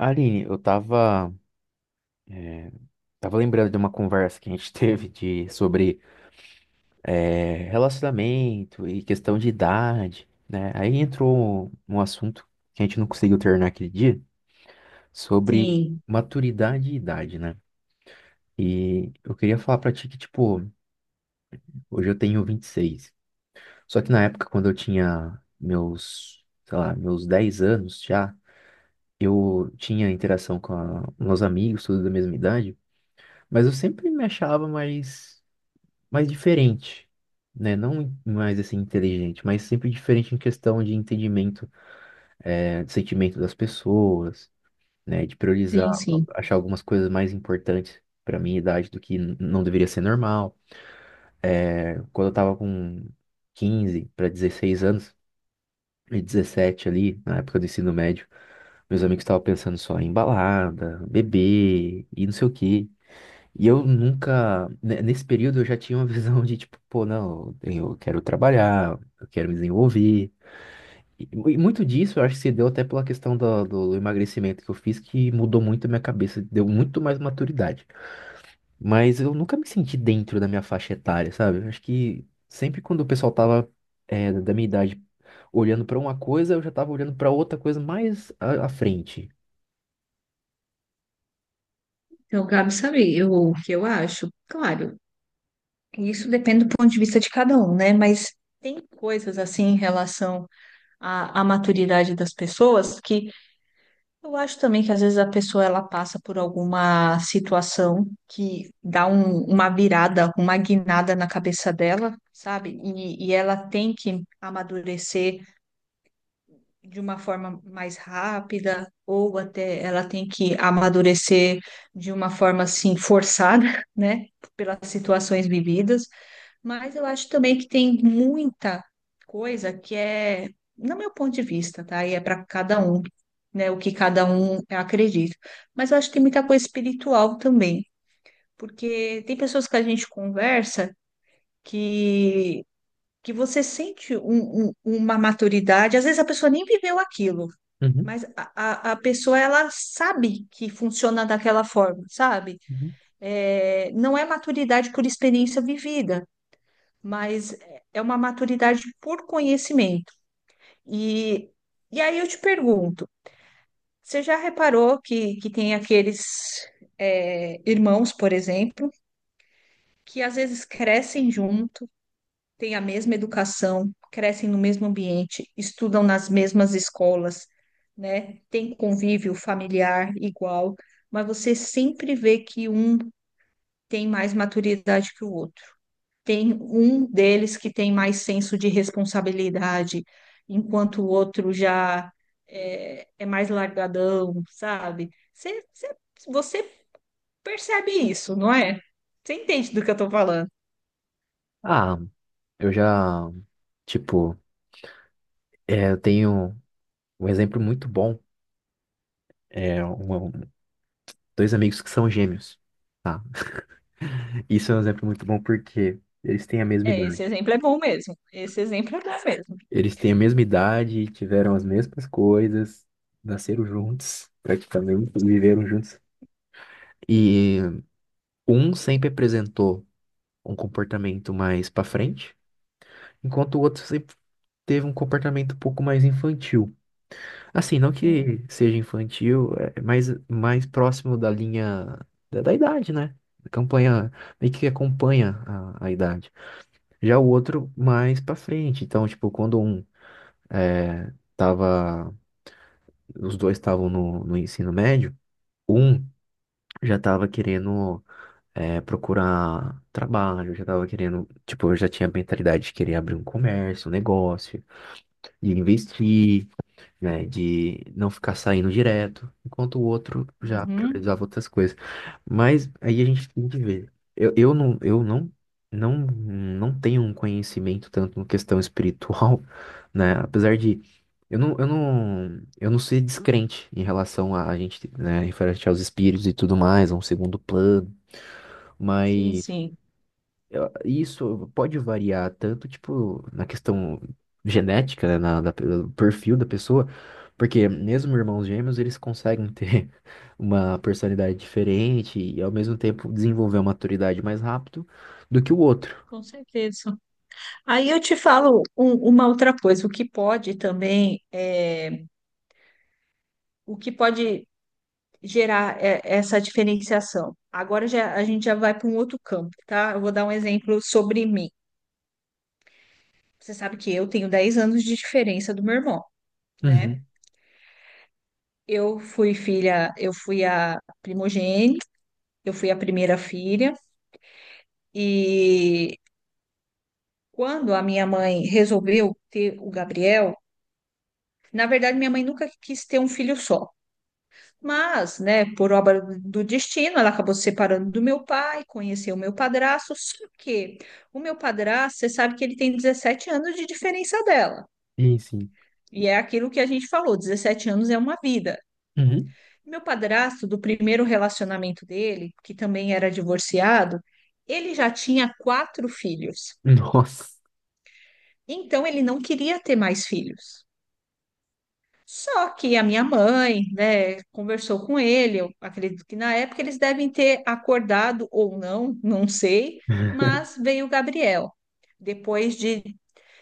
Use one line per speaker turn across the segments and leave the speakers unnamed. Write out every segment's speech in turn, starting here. Aline, eu tava, tava lembrando de uma conversa que a gente teve de, sobre relacionamento e questão de idade, né? Aí entrou um assunto que a gente não conseguiu terminar aquele dia, sobre
Sim,
maturidade e idade, né? E eu queria falar pra ti que, tipo, hoje eu tenho 26. Só que na época, quando eu tinha meus, sei lá, meus 10 anos já, eu tinha interação com meus amigos, todos da mesma idade, mas eu sempre me achava mais mais diferente, né? Não mais assim inteligente, mas sempre diferente em questão de entendimento, né, de sentimento das pessoas, né? De priorizar,
sim, sim.
achar algumas coisas mais importantes para minha idade do que não deveria ser normal. É. Quando eu tava com 15 para 16 anos, e 17 ali, na época do ensino médio, meus amigos estavam pensando só em balada, beber e não sei o quê. E eu nunca, nesse período eu já tinha uma visão de tipo, pô, não, eu quero trabalhar, eu quero me desenvolver. E, e muito disso eu acho que se deu até pela questão do emagrecimento que eu fiz, que mudou muito a minha cabeça, deu muito mais maturidade. Mas eu nunca me senti dentro da minha faixa etária, sabe? Eu acho que sempre quando o pessoal tava, é, da minha idade olhando pra uma coisa, eu já tava olhando pra outra coisa mais à frente.
Então, Gabi, sabe eu, o que eu acho? Claro, isso depende do ponto de vista de cada um, né? Mas tem coisas assim em relação à maturidade das pessoas que eu acho também que às vezes a pessoa ela passa por alguma situação que dá uma virada, uma guinada na cabeça dela, sabe? E ela tem que amadurecer de uma forma mais rápida, ou até ela tem que amadurecer de uma forma assim forçada, né, pelas situações vividas, mas eu acho também que tem muita coisa que é, no meu ponto de vista, tá? E é para cada um, né, o que cada um acredita. Mas eu acho que tem muita coisa espiritual também, porque tem pessoas que a gente conversa que que você sente uma maturidade, às vezes a pessoa nem viveu aquilo,
Uhum,
mas a pessoa, ela sabe que funciona daquela forma, sabe?
uhum.
É, não é maturidade por experiência vivida, mas é uma maturidade por conhecimento. E, e aí eu te pergunto, você já reparou que tem aqueles irmãos, por exemplo, que às vezes crescem juntos têm a mesma educação, crescem no mesmo ambiente, estudam nas mesmas escolas, né? Tem convívio familiar igual, mas você sempre vê que um tem mais maturidade que o outro. Tem um deles que tem mais senso de responsabilidade, enquanto o outro já é mais largadão, sabe? Você percebe isso, não é? Você entende do que eu tô falando?
Ah, eu já, tipo, é, eu tenho. Um exemplo muito bom é dois amigos que são gêmeos, tá? Isso é um exemplo muito bom porque eles têm a mesma
É, esse
idade.
exemplo é bom mesmo. Esse exemplo é bom mesmo.
Eles têm a mesma idade, tiveram as mesmas coisas, nasceram juntos, praticamente, viveram juntos. E um sempre apresentou um comportamento mais pra frente, enquanto o outro sempre teve um comportamento um pouco mais infantil. Assim, não
Sim.
que seja infantil, é mais, mais próximo da linha da idade, né? Campanha, meio que acompanha a idade. Já o outro mais pra frente. Então, tipo, quando um é, tava. Os dois estavam no ensino médio, um já tava querendo é, procurar trabalho, já tava querendo. Tipo, eu já tinha a mentalidade de querer abrir um comércio, um negócio, de investir, né? De não ficar saindo direto, enquanto o outro já
Uhum.
priorizava outras coisas. Mas aí a gente tem que ver. Eu não, não, não tenho um conhecimento tanto em questão espiritual, né? Apesar de eu não ser descrente em relação a gente, né, referente aos espíritos e tudo mais, a um segundo plano,
Sim,
mas
sim,
isso pode variar tanto, tipo, na questão genética, né, do perfil da pessoa, porque mesmo irmãos gêmeos, eles conseguem ter uma personalidade diferente e, ao mesmo tempo, desenvolver uma maturidade mais rápido do que o outro.
com certeza. Aí eu te falo uma outra coisa, o que pode também, o que pode gerar essa diferenciação. Agora já, a gente já vai para um outro campo, tá? Eu vou dar um exemplo sobre mim. Você sabe que eu tenho 10 anos de diferença do meu irmão, né?
Uhum.
Eu fui filha, eu fui a primogênita, eu fui a primeira filha, e quando a minha mãe resolveu ter o Gabriel, na verdade, minha mãe nunca quis ter um filho só, mas, né, por obra do destino, ela acabou se separando do meu pai, conheceu o meu padrasto, só que o meu padrasto, você sabe que ele tem 17 anos de diferença dela.
Sim, sim.
E é aquilo que a gente falou, 17 anos é uma vida.
Uhum.
Meu padrasto, do primeiro relacionamento dele, que também era divorciado, ele já tinha quatro filhos.
Nossa.
Então, ele não queria ter mais filhos. Só que a minha mãe, né, conversou com ele. Eu acredito que na época eles devem ter acordado ou não, não sei, mas veio o Gabriel, depois de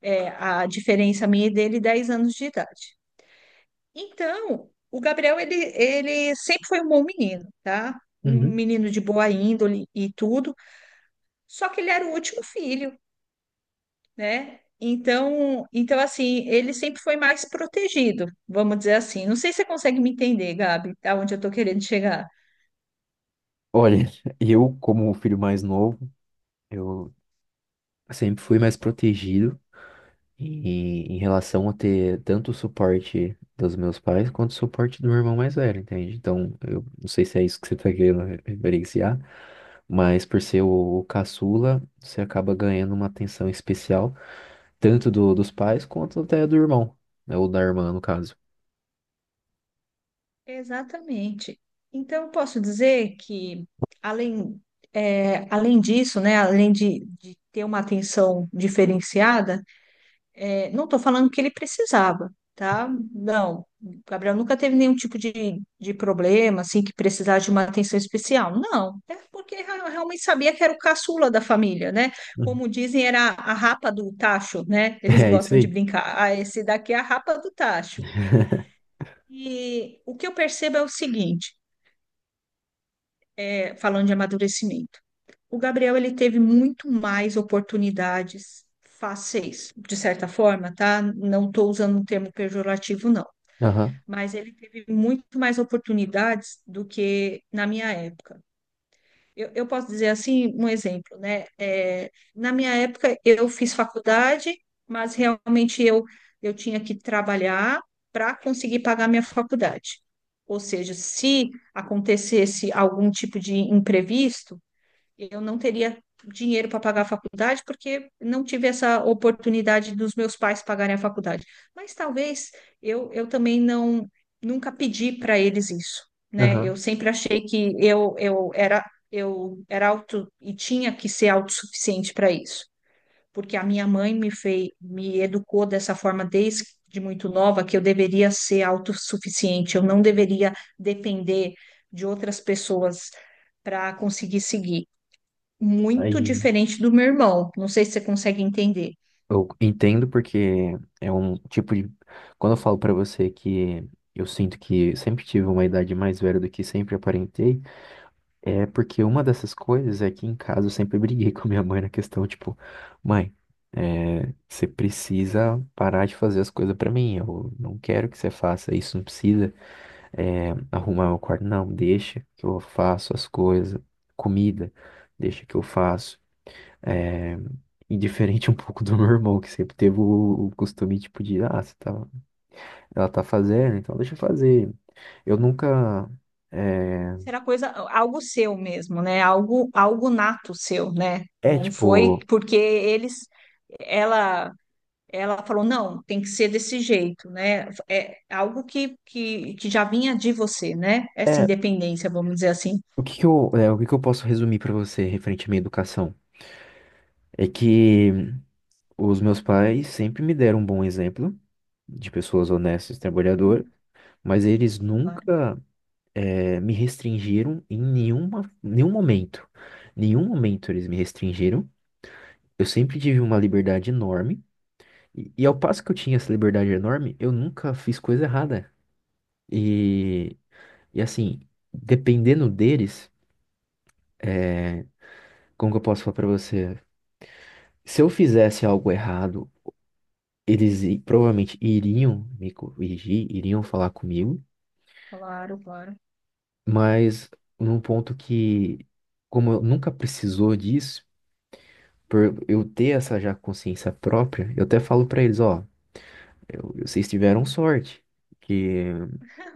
a diferença minha e dele, 10 anos de idade. Então, o Gabriel, ele sempre foi um bom menino, tá? Um
Uhum.
menino de boa índole e tudo, só que ele era o último filho, né? Então assim, ele sempre foi mais protegido, vamos dizer assim. Não sei se você consegue me entender, Gabi, aonde eu estou querendo chegar.
Olha, eu, como o filho mais novo, eu sempre fui mais protegido. E em relação a ter tanto o suporte dos meus pais quanto o suporte do meu irmão mais velho, entende? Então, eu não sei se é isso que você tá querendo referenciar, mas por ser o caçula, você acaba ganhando uma atenção especial, tanto dos pais quanto até do irmão, né? Ou da irmã, no caso.
Exatamente. Então, eu posso dizer que, além, além disso, né, além de ter uma atenção diferenciada. É, não estou falando que ele precisava, tá? Não, o Gabriel nunca teve nenhum tipo de problema, assim, que precisasse de uma atenção especial. Não, é porque eu realmente sabia que era o caçula da família, né?
Uhum.
Como dizem, era a rapa do tacho, né? Eles
É isso
gostam de
aí.
brincar. Ah, esse daqui é a rapa do tacho. E o que eu percebo é o seguinte, falando de amadurecimento. O Gabriel ele teve muito mais oportunidades fáceis, de certa forma, tá? Não estou usando um termo pejorativo, não,
Aham,
mas ele teve muito mais oportunidades do que na minha época. Eu posso dizer assim, um exemplo, né? É, na minha época, eu fiz faculdade, mas realmente eu tinha que trabalhar para conseguir pagar minha faculdade. Ou seja, se acontecesse algum tipo de imprevisto, eu não teria dinheiro para pagar a faculdade porque não tive essa oportunidade dos meus pais pagarem a faculdade. Mas talvez eu também não nunca pedi para eles isso, né? Eu
aham.
sempre achei que eu era auto e tinha que ser autossuficiente para isso, porque a minha mãe me educou dessa forma desde de muito nova que eu deveria ser autossuficiente, eu não deveria depender de outras pessoas para conseguir seguir muito
Aí
diferente do meu irmão. Não sei se você consegue entender.
eu entendo porque é um tipo de. Quando eu falo pra você que eu sinto que sempre tive uma idade mais velha do que sempre aparentei. É porque uma dessas coisas é que em casa eu sempre briguei com a minha mãe na questão, tipo, mãe, é, você precisa parar de fazer as coisas pra mim, eu não quero que você faça isso, não precisa é, arrumar meu quarto, não, deixa que eu faço as coisas, comida, deixa que eu faço. É, e diferente um pouco do meu irmão, que sempre teve o costume, tipo, de, ah, você tá, ela tá fazendo, então deixa eu fazer. Eu nunca, é,
Será coisa, algo seu mesmo, né? Algo, algo nato seu, né?
é
Não foi
tipo...
porque ela, ela falou, não, tem que ser desse jeito, né? É algo que já vinha de você, né? Essa
É,
independência, vamos dizer assim.
O que que eu posso resumir para você referente à minha educação? É que os meus pais sempre me deram um bom exemplo de pessoas honestas e trabalhadoras,
Hum,
mas eles
sim, claro,
nunca é, me restringiram em nenhuma, nenhum momento. Nenhum momento eles me restringiram. Eu sempre tive uma liberdade enorme. E ao passo que eu tinha essa liberdade enorme, eu nunca fiz coisa errada. E, e assim, dependendo deles, é, como que eu posso falar para você? Se eu fizesse algo errado, provavelmente iriam me corrigir, iriam falar comigo,
claro, claro.
mas num ponto que, como eu nunca precisou disso, por eu ter essa já consciência própria, eu até falo pra eles, ó, vocês tiveram sorte, que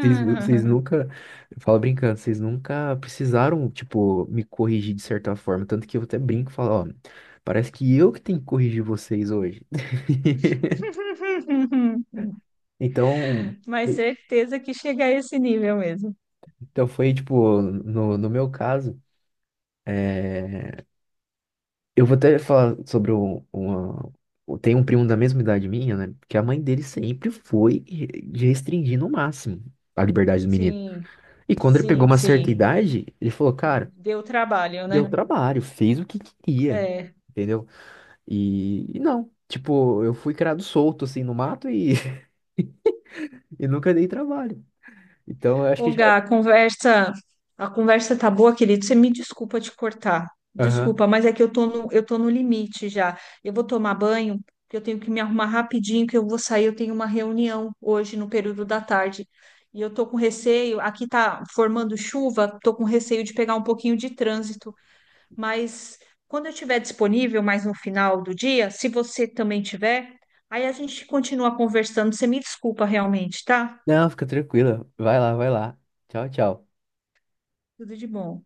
vocês nunca, eu falo brincando, vocês nunca precisaram, tipo, me corrigir de certa forma, tanto que eu até brinco e falo, ó, parece que eu que tenho que corrigir vocês hoje. Então,
Mas certeza que chega a esse nível mesmo.
então foi tipo, no meu caso, é, eu vou até falar sobre um, uma. Tem um primo da mesma idade minha, né? Que a mãe dele sempre foi de restringir no máximo a liberdade do menino.
Sim,
E quando ele pegou
sim,
uma certa
sim.
idade, ele falou, cara,
Deu trabalho,
deu
né?
trabalho, fez o que queria,
É.
entendeu? E não, tipo, eu fui criado solto assim no mato e, e nunca dei trabalho. Então eu acho que
Ô,
já.
Gá, a conversa tá boa, querido. Você me desculpa te cortar.
Aham.
Desculpa, mas é que eu tô no limite já. Eu vou tomar banho, que eu tenho que me arrumar rapidinho, que eu vou sair, eu tenho uma reunião hoje no período da tarde. E eu tô com receio, aqui tá formando chuva, tô com receio de pegar um pouquinho de trânsito. Mas quando eu estiver disponível, mais no final do dia, se você também tiver, aí a gente continua conversando. Você me desculpa realmente, tá?
Não, fica tranquila. Vai lá, vai lá. Tchau, tchau.
Tudo de bom.